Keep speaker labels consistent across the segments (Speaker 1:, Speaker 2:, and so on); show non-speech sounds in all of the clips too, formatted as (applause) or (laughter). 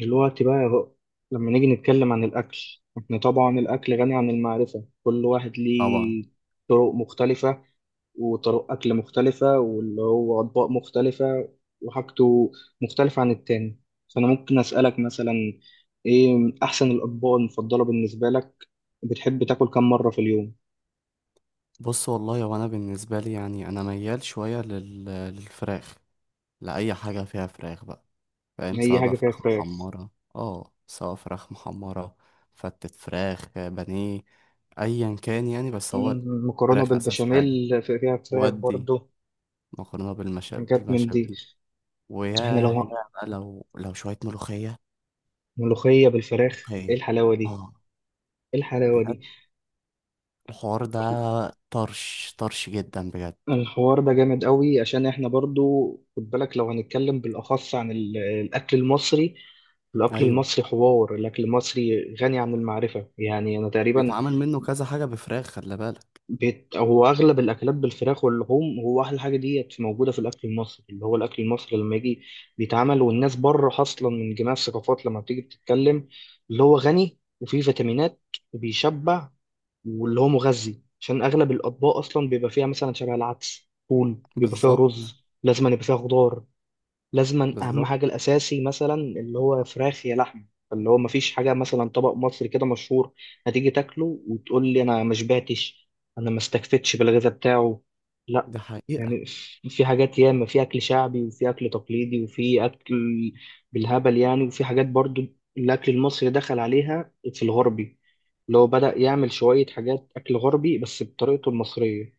Speaker 1: دلوقتي بقى يا رؤى، لما نيجي نتكلم عن الأكل، احنا طبعا الأكل غني عن المعرفة. كل واحد
Speaker 2: طبعا.
Speaker 1: ليه طرق مختلفة، وطرق أكل مختلفة، واللي هو أطباق مختلفة، وحاجته مختلفة عن التاني. فأنا ممكن أسألك مثلا: إيه أحسن الأطباق المفضلة بالنسبة لك؟ بتحب تاكل كم مرة في اليوم؟
Speaker 2: بص والله، وانا بالنسبه لي يعني انا ميال شويه للفراخ، لاي حاجه فيها فراخ بقى، فاهم.
Speaker 1: أي حاجة فيها فراخ.
Speaker 2: سواء فراخ محمره، فتة فراخ بانيه، ايا كان يعني. بس هو
Speaker 1: مكرونة
Speaker 2: الفراخ اساس حاجه.
Speaker 1: بالبشاميل فيها فراخ
Speaker 2: ودي
Speaker 1: برضه،
Speaker 2: مكرونه
Speaker 1: حاجات من دي.
Speaker 2: بالمشابل،
Speaker 1: احنا
Speaker 2: وياه، يا
Speaker 1: لو
Speaker 2: بقى لو شويه ملوخيه.
Speaker 1: ملوخية بالفراخ، إيه
Speaker 2: ملوخيه
Speaker 1: الحلاوة دي؟
Speaker 2: اه،
Speaker 1: إيه الحلاوة دي؟
Speaker 2: بجد الحوار ده طرش طرش جدا بجد.
Speaker 1: الحوار ده جامد قوي، عشان احنا برضو خد بالك، لو هنتكلم بالأخص عن الأكل المصري. الأكل
Speaker 2: ايوه،
Speaker 1: المصري حوار، الأكل المصري غني عن المعرفة. يعني أنا تقريبا
Speaker 2: بيتعمل منه كذا حاجة بفراخ، خلي بالك.
Speaker 1: بيت، هو أغلب الأكلات بالفراخ واللحوم، هو أحلى حاجة ديت موجودة في الأكل المصري، اللي هو الأكل المصري لما يجي بيتعمل. والناس بره أصلا من جميع الثقافات لما بتيجي بتتكلم، اللي هو غني وفيه فيتامينات، وبيشبع، واللي هو مغذي، عشان اغلب الاطباق اصلا بيبقى فيها مثلا شبه العدس، فول، بيبقى فيها
Speaker 2: بالظبط.
Speaker 1: رز، لازم أن يبقى فيها خضار، لازما اهم
Speaker 2: بالظبط.
Speaker 1: حاجه الاساسي مثلا اللي هو فراخ يا لحمه. اللي هو مفيش حاجه مثلا طبق مصري كده مشهور هتيجي تاكله وتقول لي: انا ما شبعتش، انا ما استكفيتش بالغذاء بتاعه. لا،
Speaker 2: دي حقيقة.
Speaker 1: يعني في حاجات ياما، في اكل شعبي، وفي اكل تقليدي، وفي اكل بالهبل يعني. وفي حاجات برضو الاكل المصري دخل عليها في الغربي، اللي هو بدأ يعمل شويه حاجات اكل غربي بس بطريقته المصريه.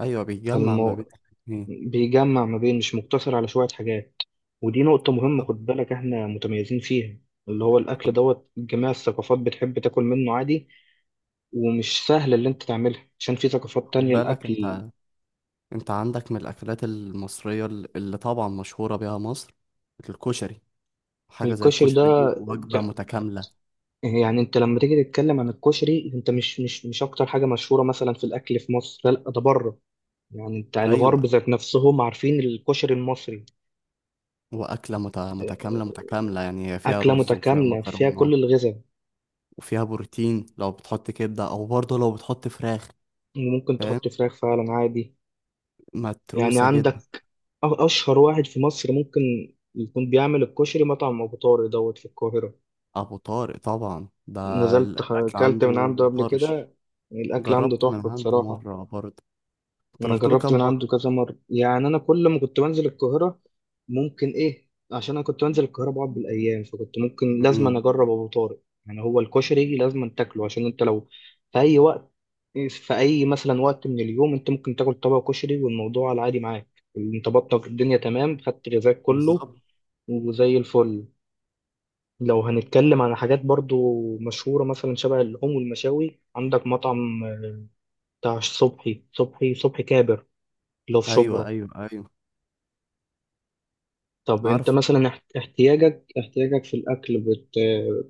Speaker 2: أيوة، بيتجمع ما بين
Speaker 1: فالمو،
Speaker 2: الاتنين.
Speaker 1: بيجمع ما بين، مش مقتصر على شويه حاجات. ودي نقطة مهمة
Speaker 2: طب
Speaker 1: خد بالك، احنا متميزين فيها. اللي هو
Speaker 2: خد
Speaker 1: الأكل دوت، جميع الثقافات بتحب تاكل منه عادي، ومش سهل اللي انت تعملها عشان في ثقافات
Speaker 2: خد
Speaker 1: تانية
Speaker 2: بالك
Speaker 1: الأكل.
Speaker 2: أنت عندك من الأكلات المصرية اللي طبعا مشهورة بيها مصر، الكشري. حاجة زي
Speaker 1: الكشري ده،
Speaker 2: الكشري دي وجبة
Speaker 1: ده-
Speaker 2: متكاملة.
Speaker 1: يعني انت لما تيجي تتكلم عن الكشري، انت مش أكتر حاجة مشهورة مثلا في الأكل في مصر. لا لا، ده بره. يعني انت
Speaker 2: أيوة،
Speaker 1: الغرب ذات نفسهم عارفين الكشري المصري.
Speaker 2: وأكلة متكاملة متكاملة، يعني هي فيها
Speaker 1: أكلة
Speaker 2: رز وفيها
Speaker 1: متكاملة فيها كل
Speaker 2: مكرونة،
Speaker 1: الغذاء،
Speaker 2: وفيها بروتين لو بتحط كبدة، أو برضه لو بتحط فراخ.
Speaker 1: وممكن
Speaker 2: فاهم،
Speaker 1: تحط فراخ فعلا عادي. يعني
Speaker 2: متروسة
Speaker 1: عندك،
Speaker 2: جدا.
Speaker 1: أشهر واحد في مصر ممكن يكون بيعمل الكشري مطعم أبو طارق دوت في القاهرة.
Speaker 2: أبو طارق طبعا ده،
Speaker 1: نزلت
Speaker 2: الأكل
Speaker 1: أكلت من
Speaker 2: عنده
Speaker 1: عنده قبل
Speaker 2: طرش.
Speaker 1: كده. الأكل عنده
Speaker 2: جربت من
Speaker 1: تحفة
Speaker 2: عنده
Speaker 1: بصراحة.
Speaker 2: مرة برضه. انت
Speaker 1: انا
Speaker 2: رحت له
Speaker 1: جربت
Speaker 2: كام
Speaker 1: من عنده
Speaker 2: مرة؟
Speaker 1: كذا مره، يعني انا كل ما كنت بنزل القاهره، ممكن ايه، عشان انا كنت بنزل القاهره بقعد بالايام، فكنت ممكن لازم أنا
Speaker 2: امم
Speaker 1: اجرب ابو طارق. يعني هو الكشري لازم تاكله، عشان انت لو في اي وقت، في اي مثلا وقت من اليوم، انت ممكن تاكل طبق كشري والموضوع على العادي معاك. انت بطنك الدنيا تمام، خدت غذاك كله،
Speaker 2: بالظبط.
Speaker 1: وزي الفل. لو هنتكلم عن حاجات برضو مشهورة مثلا شبه اللحوم والمشاوي، عندك مطعم بتاع صبحي، صبحي كابر، اللي هو في
Speaker 2: ايوه،
Speaker 1: شبرا.
Speaker 2: ايوه، ايوه.
Speaker 1: طب انت
Speaker 2: عارف.
Speaker 1: مثلا احتياجك في الاكل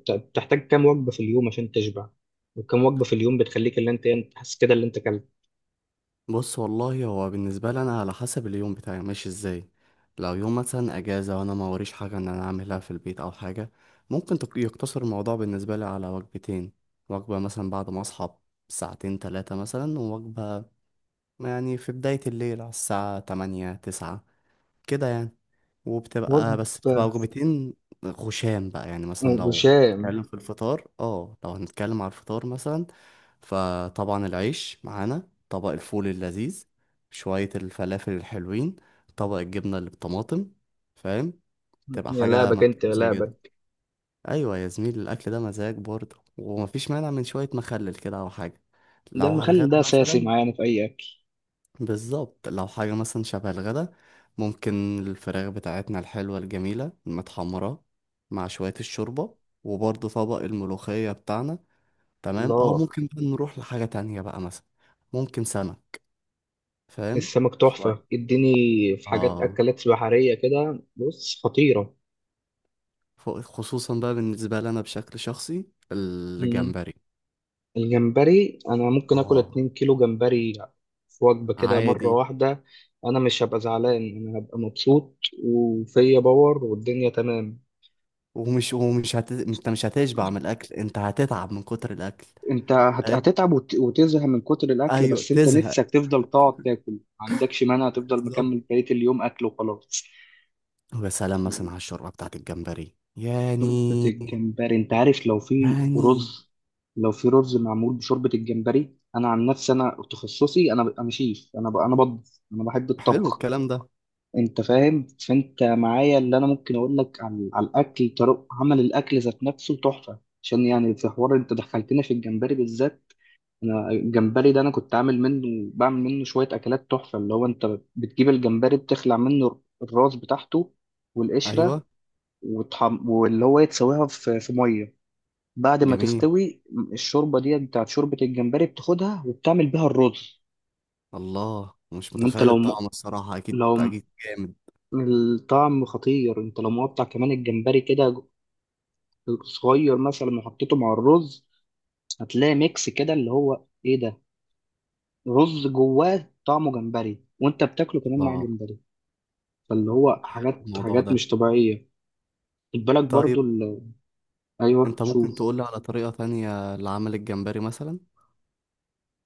Speaker 1: بتحتاج كام وجبه في اليوم عشان تشبع؟ وكم وجبه في اليوم بتخليك اللي انت ايه، انت حاسس كده اللي انت اكلت
Speaker 2: بص والله، هو بالنسبة لي انا على حسب اليوم بتاعي ماشي ازاي. لو يوم مثلا اجازة وانا ما وريش حاجة ان انا اعملها في البيت او حاجة، ممكن يقتصر الموضوع بالنسبة لي على وجبتين. وجبة مثلا بعد ما اصحى ساعتين تلاتة مثلا، ووجبة يعني في بداية الليل على الساعة تمانية تسعة كده يعني. وبتبقى،
Speaker 1: وجبه
Speaker 2: بس بتبقى وجبتين. خشام بقى، يعني مثلا لو
Speaker 1: وشام؟
Speaker 2: هنتكلم في الفطار اه لو هنتكلم على الفطار مثلا، فطبعا العيش معانا، طبق الفول اللذيذ، شوية الفلافل الحلوين، طبق الجبنة اللي بالطماطم. فاهم، تبقى
Speaker 1: يا
Speaker 2: حاجة
Speaker 1: لعبك انت يا
Speaker 2: مدفوسة كده.
Speaker 1: لعبك.
Speaker 2: أيوة يا زميلي، الأكل ده مزاج برضه، ومفيش مانع من شوية مخلل كده أو حاجة.
Speaker 1: ده
Speaker 2: لو على الغدا
Speaker 1: المخلل ده اساسي
Speaker 2: مثلا،
Speaker 1: معانا في اي اكل.
Speaker 2: بالظبط، لو حاجة مثلا شبه الغدا، ممكن الفراخ بتاعتنا الحلوة الجميلة المتحمرة مع شوية الشوربة، وبرضه طبق الملوخية بتاعنا. تمام. أو
Speaker 1: الله،
Speaker 2: ممكن بقى نروح لحاجة تانية بقى مثلا، ممكن سمك. فاهم،
Speaker 1: السمك
Speaker 2: شوية.
Speaker 1: تحفه اديني. في حاجات
Speaker 2: اه،
Speaker 1: اكلات بحريه كده، بص خطيره.
Speaker 2: خصوصا بقى بالنسبة لي أنا بشكل شخصي، الجمبري.
Speaker 1: الجمبري انا ممكن اكل
Speaker 2: اه،
Speaker 1: 2 كيلو جمبري في وجبه كده مره
Speaker 2: عادي.
Speaker 1: واحده. انا مش هبقى زعلان، انا هبقى مبسوط، وفيا باور والدنيا تمام.
Speaker 2: ومش انت مش هتشبع من الأكل، انت هتتعب من كتر الأكل.
Speaker 1: انت
Speaker 2: فاهم.
Speaker 1: هتتعب وتزهق من كتر الاكل،
Speaker 2: ايوه،
Speaker 1: بس انت
Speaker 2: تزهق.
Speaker 1: نفسك تفضل تقعد تاكل، ما عندكش مانع، تفضل
Speaker 2: بالظبط.
Speaker 1: مكمل بقيه اليوم اكل وخلاص.
Speaker 2: ويا سلام مثلا على الشوربة بتاعت الجمبري
Speaker 1: شوربه
Speaker 2: يعني
Speaker 1: الجمبري، انت عارف لو في
Speaker 2: يعني
Speaker 1: رز، لو في رز معمول بشوربه الجمبري، انا عن نفسي، انا تخصصي، انا شيف، انا بطبخ، انا بحب
Speaker 2: حلو
Speaker 1: الطبخ.
Speaker 2: الكلام ده.
Speaker 1: انت فاهم. فانت معايا، اللي انا ممكن اقول لك على, على الاكل، طرق عمل الاكل ذات نفسه تحفه، عشان يعني في حوار، انت دخلتنا في الجمبري بالذات. انا الجمبري ده، انا كنت عامل منه، بعمل منه شويه اكلات تحفه. اللي هو انت بتجيب الجمبري، بتخلع منه الراس بتاعته والقشره،
Speaker 2: أيوه،
Speaker 1: واللي هو يتسويها في ميه. بعد ما
Speaker 2: جميل.
Speaker 1: تستوي، الشوربه دي بتاعت شوربه الجمبري بتاخدها وبتعمل بيها الرز.
Speaker 2: الله، مش
Speaker 1: وانت
Speaker 2: متخيل
Speaker 1: لو
Speaker 2: الطعم الصراحة، أكيد
Speaker 1: لو
Speaker 2: أكيد جامد.
Speaker 1: الطعم خطير، انت لو مقطع كمان الجمبري كده صغير مثلا وحطيته مع الرز، هتلاقي ميكس كده اللي هو ايه ده، رز جواه طعمه جمبري وانت بتاكله كمان مع
Speaker 2: الله،
Speaker 1: جمبري. فاللي هو حاجات،
Speaker 2: الموضوع
Speaker 1: حاجات
Speaker 2: ده.
Speaker 1: مش طبيعية. خد بالك
Speaker 2: طيب،
Speaker 1: برضو ايوه
Speaker 2: أنت
Speaker 1: شوف.
Speaker 2: ممكن تقولي على طريقة تانية لعمل الجمبري مثلا؟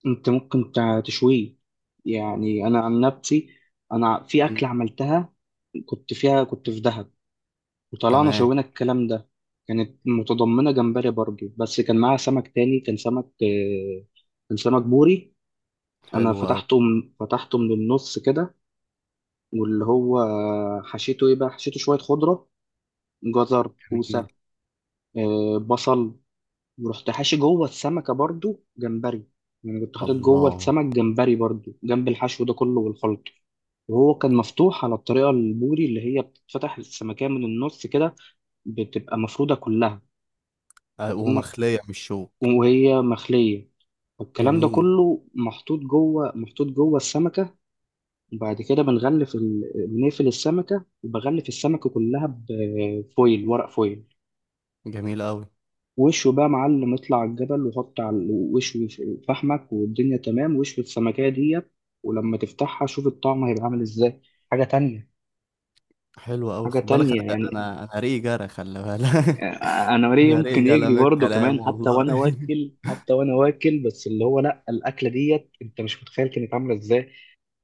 Speaker 1: انت ممكن تشويه. يعني انا عن نفسي، انا في
Speaker 2: مم.
Speaker 1: اكل عملتها، كنت فيها، كنت في دهب، وطلعنا
Speaker 2: تمام.
Speaker 1: شوينا الكلام ده. كانت متضمنة جمبري برضو، بس كان معاها سمك تاني، كان سمك كان سمك بوري. أنا
Speaker 2: حلو أوي.
Speaker 1: فتحته من النص كده، واللي هو حشيته إيه بقى، حشيته شوية خضرة، جزر،
Speaker 2: جميل.
Speaker 1: كوسة، بصل. ورحت حاشي جوه السمكة برضو جمبري. يعني كنت حاطط جوه
Speaker 2: الله.
Speaker 1: السمك جمبري برضو، جنب الحشو ده كله والخلط. وهو كان مفتوح على الطريقة البوري، اللي هي بتتفتح السمكية من النص كده، بتبقى مفرودة كلها.
Speaker 2: أه،
Speaker 1: فكأنك،
Speaker 2: ومخلية مش شوك.
Speaker 1: وهي مخلية، والكلام ده
Speaker 2: جميل.
Speaker 1: كله محطوط جوه، محطوط جوه السمكة. وبعد كده بنغلف بنقفل السمكة، وبغلف السمكة كلها بفويل، ورق فويل.
Speaker 2: جميل أوي.
Speaker 1: وشه بقى معلم، اطلع على الجبل، وحط على وشوي فحمك والدنيا تمام، وشوي السمكية ديت. ولما تفتحها شوف الطعم هيبقى عامل ازاي. حاجة تانية،
Speaker 2: حلو أوي،
Speaker 1: حاجة
Speaker 2: خد بالك.
Speaker 1: تانية يعني.
Speaker 2: أنا ريقي جرى، خلي بالك.
Speaker 1: انا
Speaker 2: (laughs)
Speaker 1: وريه
Speaker 2: أنا ريقي
Speaker 1: يمكن
Speaker 2: جرى
Speaker 1: يجري
Speaker 2: من
Speaker 1: برضه
Speaker 2: الكلام
Speaker 1: كمان، حتى
Speaker 2: والله.
Speaker 1: وانا واكل حتى وانا واكل بس اللي هو لا، الاكله ديت انت مش متخيل كانت عامله ازاي.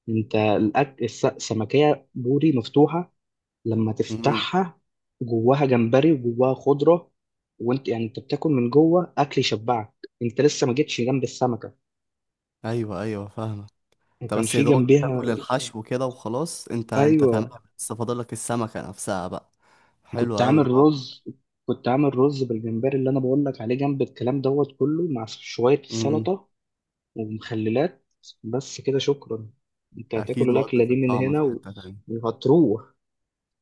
Speaker 1: انت السمكية بوري مفتوحة. لما
Speaker 2: (laughs) مم.
Speaker 1: تفتحها، جواها جمبري وجواها خضرة. وانت يعني انت بتاكل من جوه اكل يشبعك، انت لسه ما جيتش جنب السمكة.
Speaker 2: ايوه ايوه، فاهمه. انت
Speaker 1: وكان
Speaker 2: بس يا
Speaker 1: في
Speaker 2: دوبك
Speaker 1: جنبيها
Speaker 2: تاكل (laughs) الحشو كده وخلاص، انت تمام.
Speaker 1: ايوه.
Speaker 2: بس فاضلك السمكه نفسها بقى. حلو
Speaker 1: كنت
Speaker 2: قوي
Speaker 1: عامل
Speaker 2: الموضوع.
Speaker 1: رز، كنت عامل رز بالجمبري اللي انا بقول لك عليه، جنب الكلام دوت كله، مع شوية
Speaker 2: امم
Speaker 1: سلطة ومخللات. بس كده، شكرا. انت هتاكل
Speaker 2: اكيد
Speaker 1: الاكلة
Speaker 2: وضعت
Speaker 1: دي من
Speaker 2: الطعم
Speaker 1: هنا
Speaker 2: في حته تانية.
Speaker 1: وهتروح.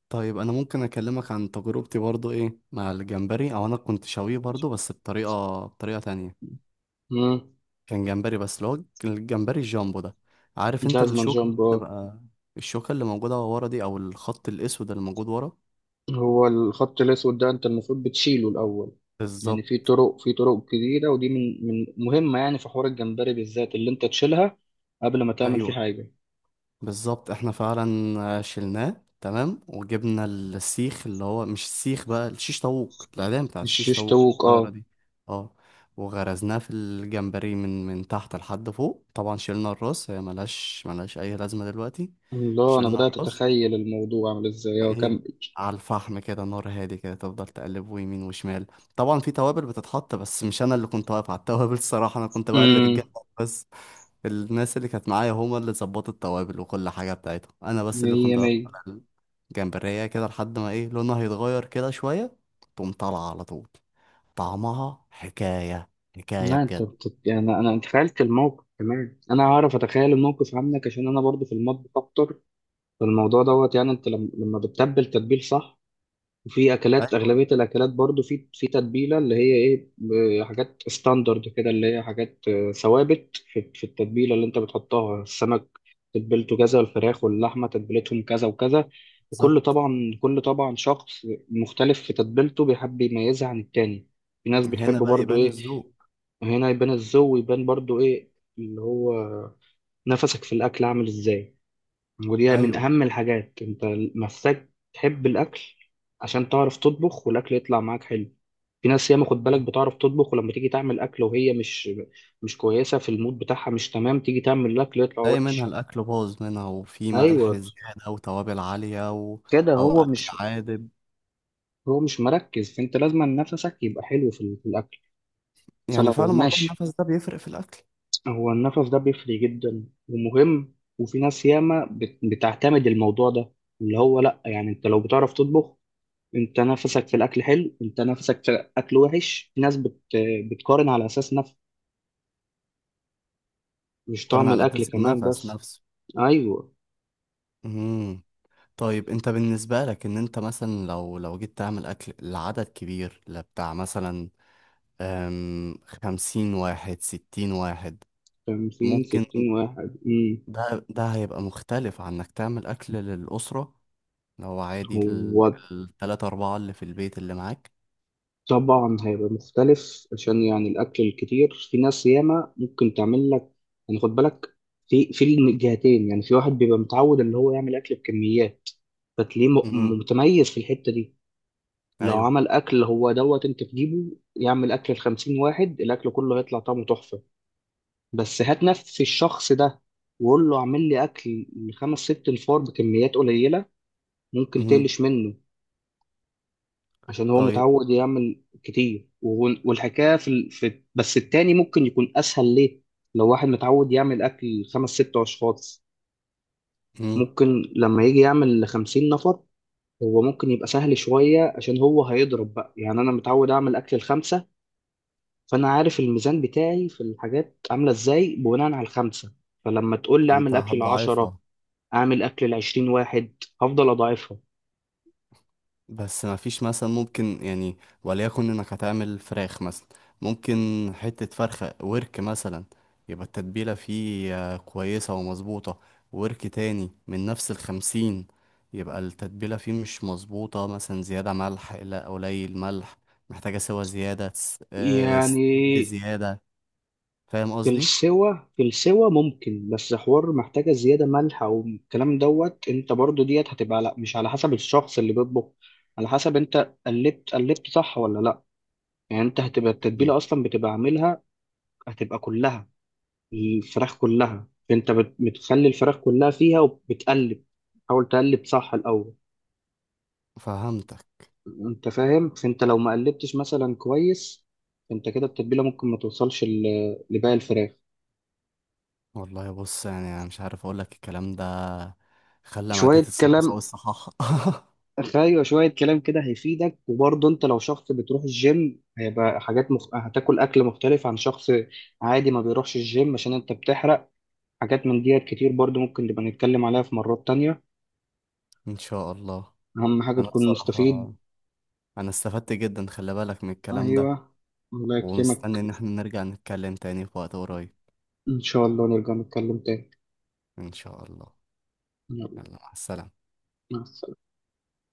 Speaker 2: طيب، انا ممكن اكلمك عن تجربتي برضو ايه مع الجمبري، او انا كنت شويه برضو، بس بطريقه تانية.
Speaker 1: مم.
Speaker 2: كان جمبري بس، اللي هو الجمبري الجامبو ده. عارف انت
Speaker 1: جازمان جامبو.
Speaker 2: الشوكه اللي موجوده ورا دي، او الخط الاسود اللي موجود ورا.
Speaker 1: هو الخط الأسود ده أنت المفروض بتشيله الأول. يعني في
Speaker 2: بالظبط.
Speaker 1: طرق، في طرق كتيرة، ودي من مهمة يعني، في حوار الجمبري بالذات اللي أنت تشيلها قبل ما تعمل فيه
Speaker 2: ايوه
Speaker 1: حاجة.
Speaker 2: بالظبط، احنا فعلا شلناه. تمام. وجبنا السيخ، اللي هو مش السيخ بقى، الشيش طاووق، العلام بتاعت
Speaker 1: مش
Speaker 2: الشيش طاووق
Speaker 1: يشتوك
Speaker 2: الصغيرة
Speaker 1: أه.
Speaker 2: دي. اه. وغرزناه في الجمبري من تحت لحد فوق. طبعا شلنا الراس، هي ملهاش أي لازمة دلوقتي.
Speaker 1: الله، أنا
Speaker 2: شلنا
Speaker 1: بدأت
Speaker 2: الراس.
Speaker 1: أتخيل الموضوع عامل إزاي أه
Speaker 2: وإيه،
Speaker 1: كم.
Speaker 2: على الفحم كده، نار هادي كده، تفضل تقلبه يمين وشمال. طبعا في توابل بتتحط، بس مش أنا اللي كنت واقف على التوابل، الصراحة أنا كنت بقلب الجنب
Speaker 1: أمم.
Speaker 2: بس. الناس اللي كانت معايا هما اللي ظبطوا التوابل وكل حاجة بتاعتهم، أنا بس اللي
Speaker 1: مية
Speaker 2: كنت واقف
Speaker 1: مية.
Speaker 2: على الجمبرية كده لحد ما إيه، لونها هيتغير كده شوية، تقوم طالعة على طول. طعمها حكاية، حكاية
Speaker 1: لا أنت
Speaker 2: بجد.
Speaker 1: يعني أنا تخيلت الموقف كمان، أنا هعرف أتخيل الموقف عنك، عشان أنا برضو في المطبخ أكتر. فالموضوع دوت، يعني أنت لما بتتبل تتبيل صح. وفي اكلات
Speaker 2: أيوة
Speaker 1: اغلبيه الاكلات برضو في تتبيله، اللي هي ايه حاجات ستاندرد كده، اللي هي حاجات ثوابت في التتبيله اللي انت بتحطها. السمك تتبيلته كذا، والفراخ واللحمه تتبيلتهم كذا وكذا. وكل
Speaker 2: بالظبط،
Speaker 1: طبعا، كل طبعا شخص مختلف في تتبيلته، بيحب يميزها عن التاني. في ناس بتحب
Speaker 2: هنا بقى
Speaker 1: برضو
Speaker 2: يبان
Speaker 1: ايه.
Speaker 2: الذوق.
Speaker 1: هنا يبان الذوق، ويبان برضو ايه، اللي هو نفسك في الاكل عامل ازاي. ودي من
Speaker 2: أيوه
Speaker 1: أهم الحاجات، أنت محتاج تحب الأكل عشان تعرف تطبخ والأكل يطلع معاك حلو. في ناس ياما خد بالك
Speaker 2: بالظبط.
Speaker 1: بتعرف تطبخ، ولما تيجي تعمل أكل وهي مش، مش كويسة في المود بتاعها، مش تمام، تيجي تعمل الأكل يطلع
Speaker 2: تلاقي منها
Speaker 1: وحش.
Speaker 2: الأكل باظ منها، وفي ملح
Speaker 1: أيوه،
Speaker 2: زيادة، وتوابل عالية و...
Speaker 1: كده
Speaker 2: أو
Speaker 1: هو
Speaker 2: أكل
Speaker 1: مش
Speaker 2: عادب.
Speaker 1: هو مش مركز. فأنت لازم نفسك يبقى حلو في, في الأكل، بس
Speaker 2: يعني
Speaker 1: لو
Speaker 2: فعلا موضوع
Speaker 1: ماشي.
Speaker 2: النفس ده بيفرق في الأكل.
Speaker 1: هو النفس ده بيفرق جدا ومهم. وفي ناس ياما بتعتمد الموضوع ده، اللي هو لأ. يعني أنت لو بتعرف تطبخ، انت نفسك في الاكل حلو، انت نفسك في الاكل وحش، في ناس بتقارن على اساس نفس، مش
Speaker 2: قارن
Speaker 1: طعم
Speaker 2: على
Speaker 1: الاكل
Speaker 2: أساس
Speaker 1: كمان
Speaker 2: النفس
Speaker 1: بس.
Speaker 2: نفسه.
Speaker 1: ايوه.
Speaker 2: مم. طيب، انت بالنسبة لك ان انت مثلا لو جيت تعمل اكل لعدد كبير، لبتاع مثلا 50 واحد، 60 واحد.
Speaker 1: 50
Speaker 2: ممكن.
Speaker 1: 60 واحد. امم.
Speaker 2: ده هيبقى مختلف عن انك تعمل اكل للأسرة، لو عادي
Speaker 1: هو
Speaker 2: التلاتة اربعة اللي في البيت اللي معاك.
Speaker 1: طبعا هيبقى مختلف، عشان يعني الاكل الكتير في ناس ياما ممكن تعمل لك، يعني خد بالك، في الجهتين. يعني في واحد بيبقى متعود اللي هو يعمل اكل بكميات، فتلاقيه
Speaker 2: مهم.
Speaker 1: متميز في الحتة دي. لو
Speaker 2: ايوه.
Speaker 1: عمل اكل هو دوت، انت تجيبه يعمل اكل ل 50 واحد، الاكل كله هيطلع طعمه تحفة. بس هات نفس الشخص ده، وقول له اعمل لي اكل لخمس ست نفار بكميات قليله، ممكن
Speaker 2: مهم.
Speaker 1: تقلش منه، عشان هو
Speaker 2: طيب.
Speaker 1: متعود يعمل كتير. والحكايه في, في. بس التاني ممكن يكون اسهل ليه. لو واحد متعود يعمل اكل خمس ست اشخاص،
Speaker 2: مهم.
Speaker 1: ممكن لما يجي يعمل لـ50 نفر، هو ممكن يبقى سهل شويه، عشان هو هيضرب بقى. يعني انا متعود اعمل اكل الخمسه، فانا عارف الميزان بتاعي في الحاجات عامله ازاي بناء على الخمسه. فلما تقول لي
Speaker 2: فانت
Speaker 1: اعمل اكل العشرة،
Speaker 2: هتضعفها.
Speaker 1: اعمل اكل لـ20 واحد، هفضل اضاعفها.
Speaker 2: بس ما فيش مثلا ممكن يعني، وليكن انك هتعمل فراخ مثلا، ممكن حتة فرخة ورك مثلا، يبقى التتبيلة فيه كويسة ومظبوطة. ورك تاني من نفس الخمسين، يبقى التتبيلة فيه مش مظبوطة مثلا، زيادة ملح لا قليل ملح، محتاجة سوا زيادة استوت
Speaker 1: يعني
Speaker 2: بزيادة. فاهم
Speaker 1: في
Speaker 2: قصدي؟
Speaker 1: السوا، في السوا ممكن، بس حوار محتاجة زيادة ملح او الكلام دوت، انت برضو ديت هتبقى لا، مش على حسب الشخص اللي بيطبخ، على حسب انت قلبت صح ولا لا. يعني انت هتبقى
Speaker 2: مم.
Speaker 1: التتبيلة اصلا بتبقى عاملها، هتبقى كلها، الفراخ كلها، انت بتخلي الفراخ كلها فيها وبتقلب. حاول تقلب صح الاول.
Speaker 2: فهمتك.
Speaker 1: انت فاهم. فانت لو ما قلبتش مثلا كويس، انت كده التتبيله ممكن ما توصلش لباقي الفراخ.
Speaker 2: والله بص، يعني انا مش عارف اقولك الكلام ده خلى معدتي
Speaker 1: شويه
Speaker 2: تصحصح
Speaker 1: كلام.
Speaker 2: والصحاحة. (laughs)
Speaker 1: ايوه شويه كلام كده هيفيدك. وبرضه انت لو شخص بتروح الجيم، هيبقى حاجات هتاكل اكل مختلف عن شخص عادي ما بيروحش الجيم، عشان انت بتحرق. حاجات من ديت كتير برضه ممكن نبقى نتكلم عليها في مرات تانية.
Speaker 2: ان شاء الله.
Speaker 1: اهم حاجه
Speaker 2: انا
Speaker 1: تكون
Speaker 2: بصراحة
Speaker 1: مستفيد.
Speaker 2: انا استفدت جدا خلي بالك من الكلام ده،
Speaker 1: ايوه، الله
Speaker 2: ومستني
Speaker 1: يكرمك.
Speaker 2: ان احنا نرجع نتكلم تاني في وقت قريب.
Speaker 1: ان شاء الله نرجع نتكلم تاني.
Speaker 2: ان شاء الله.
Speaker 1: يلا،
Speaker 2: يلا، مع السلامة.
Speaker 1: مع السلامه.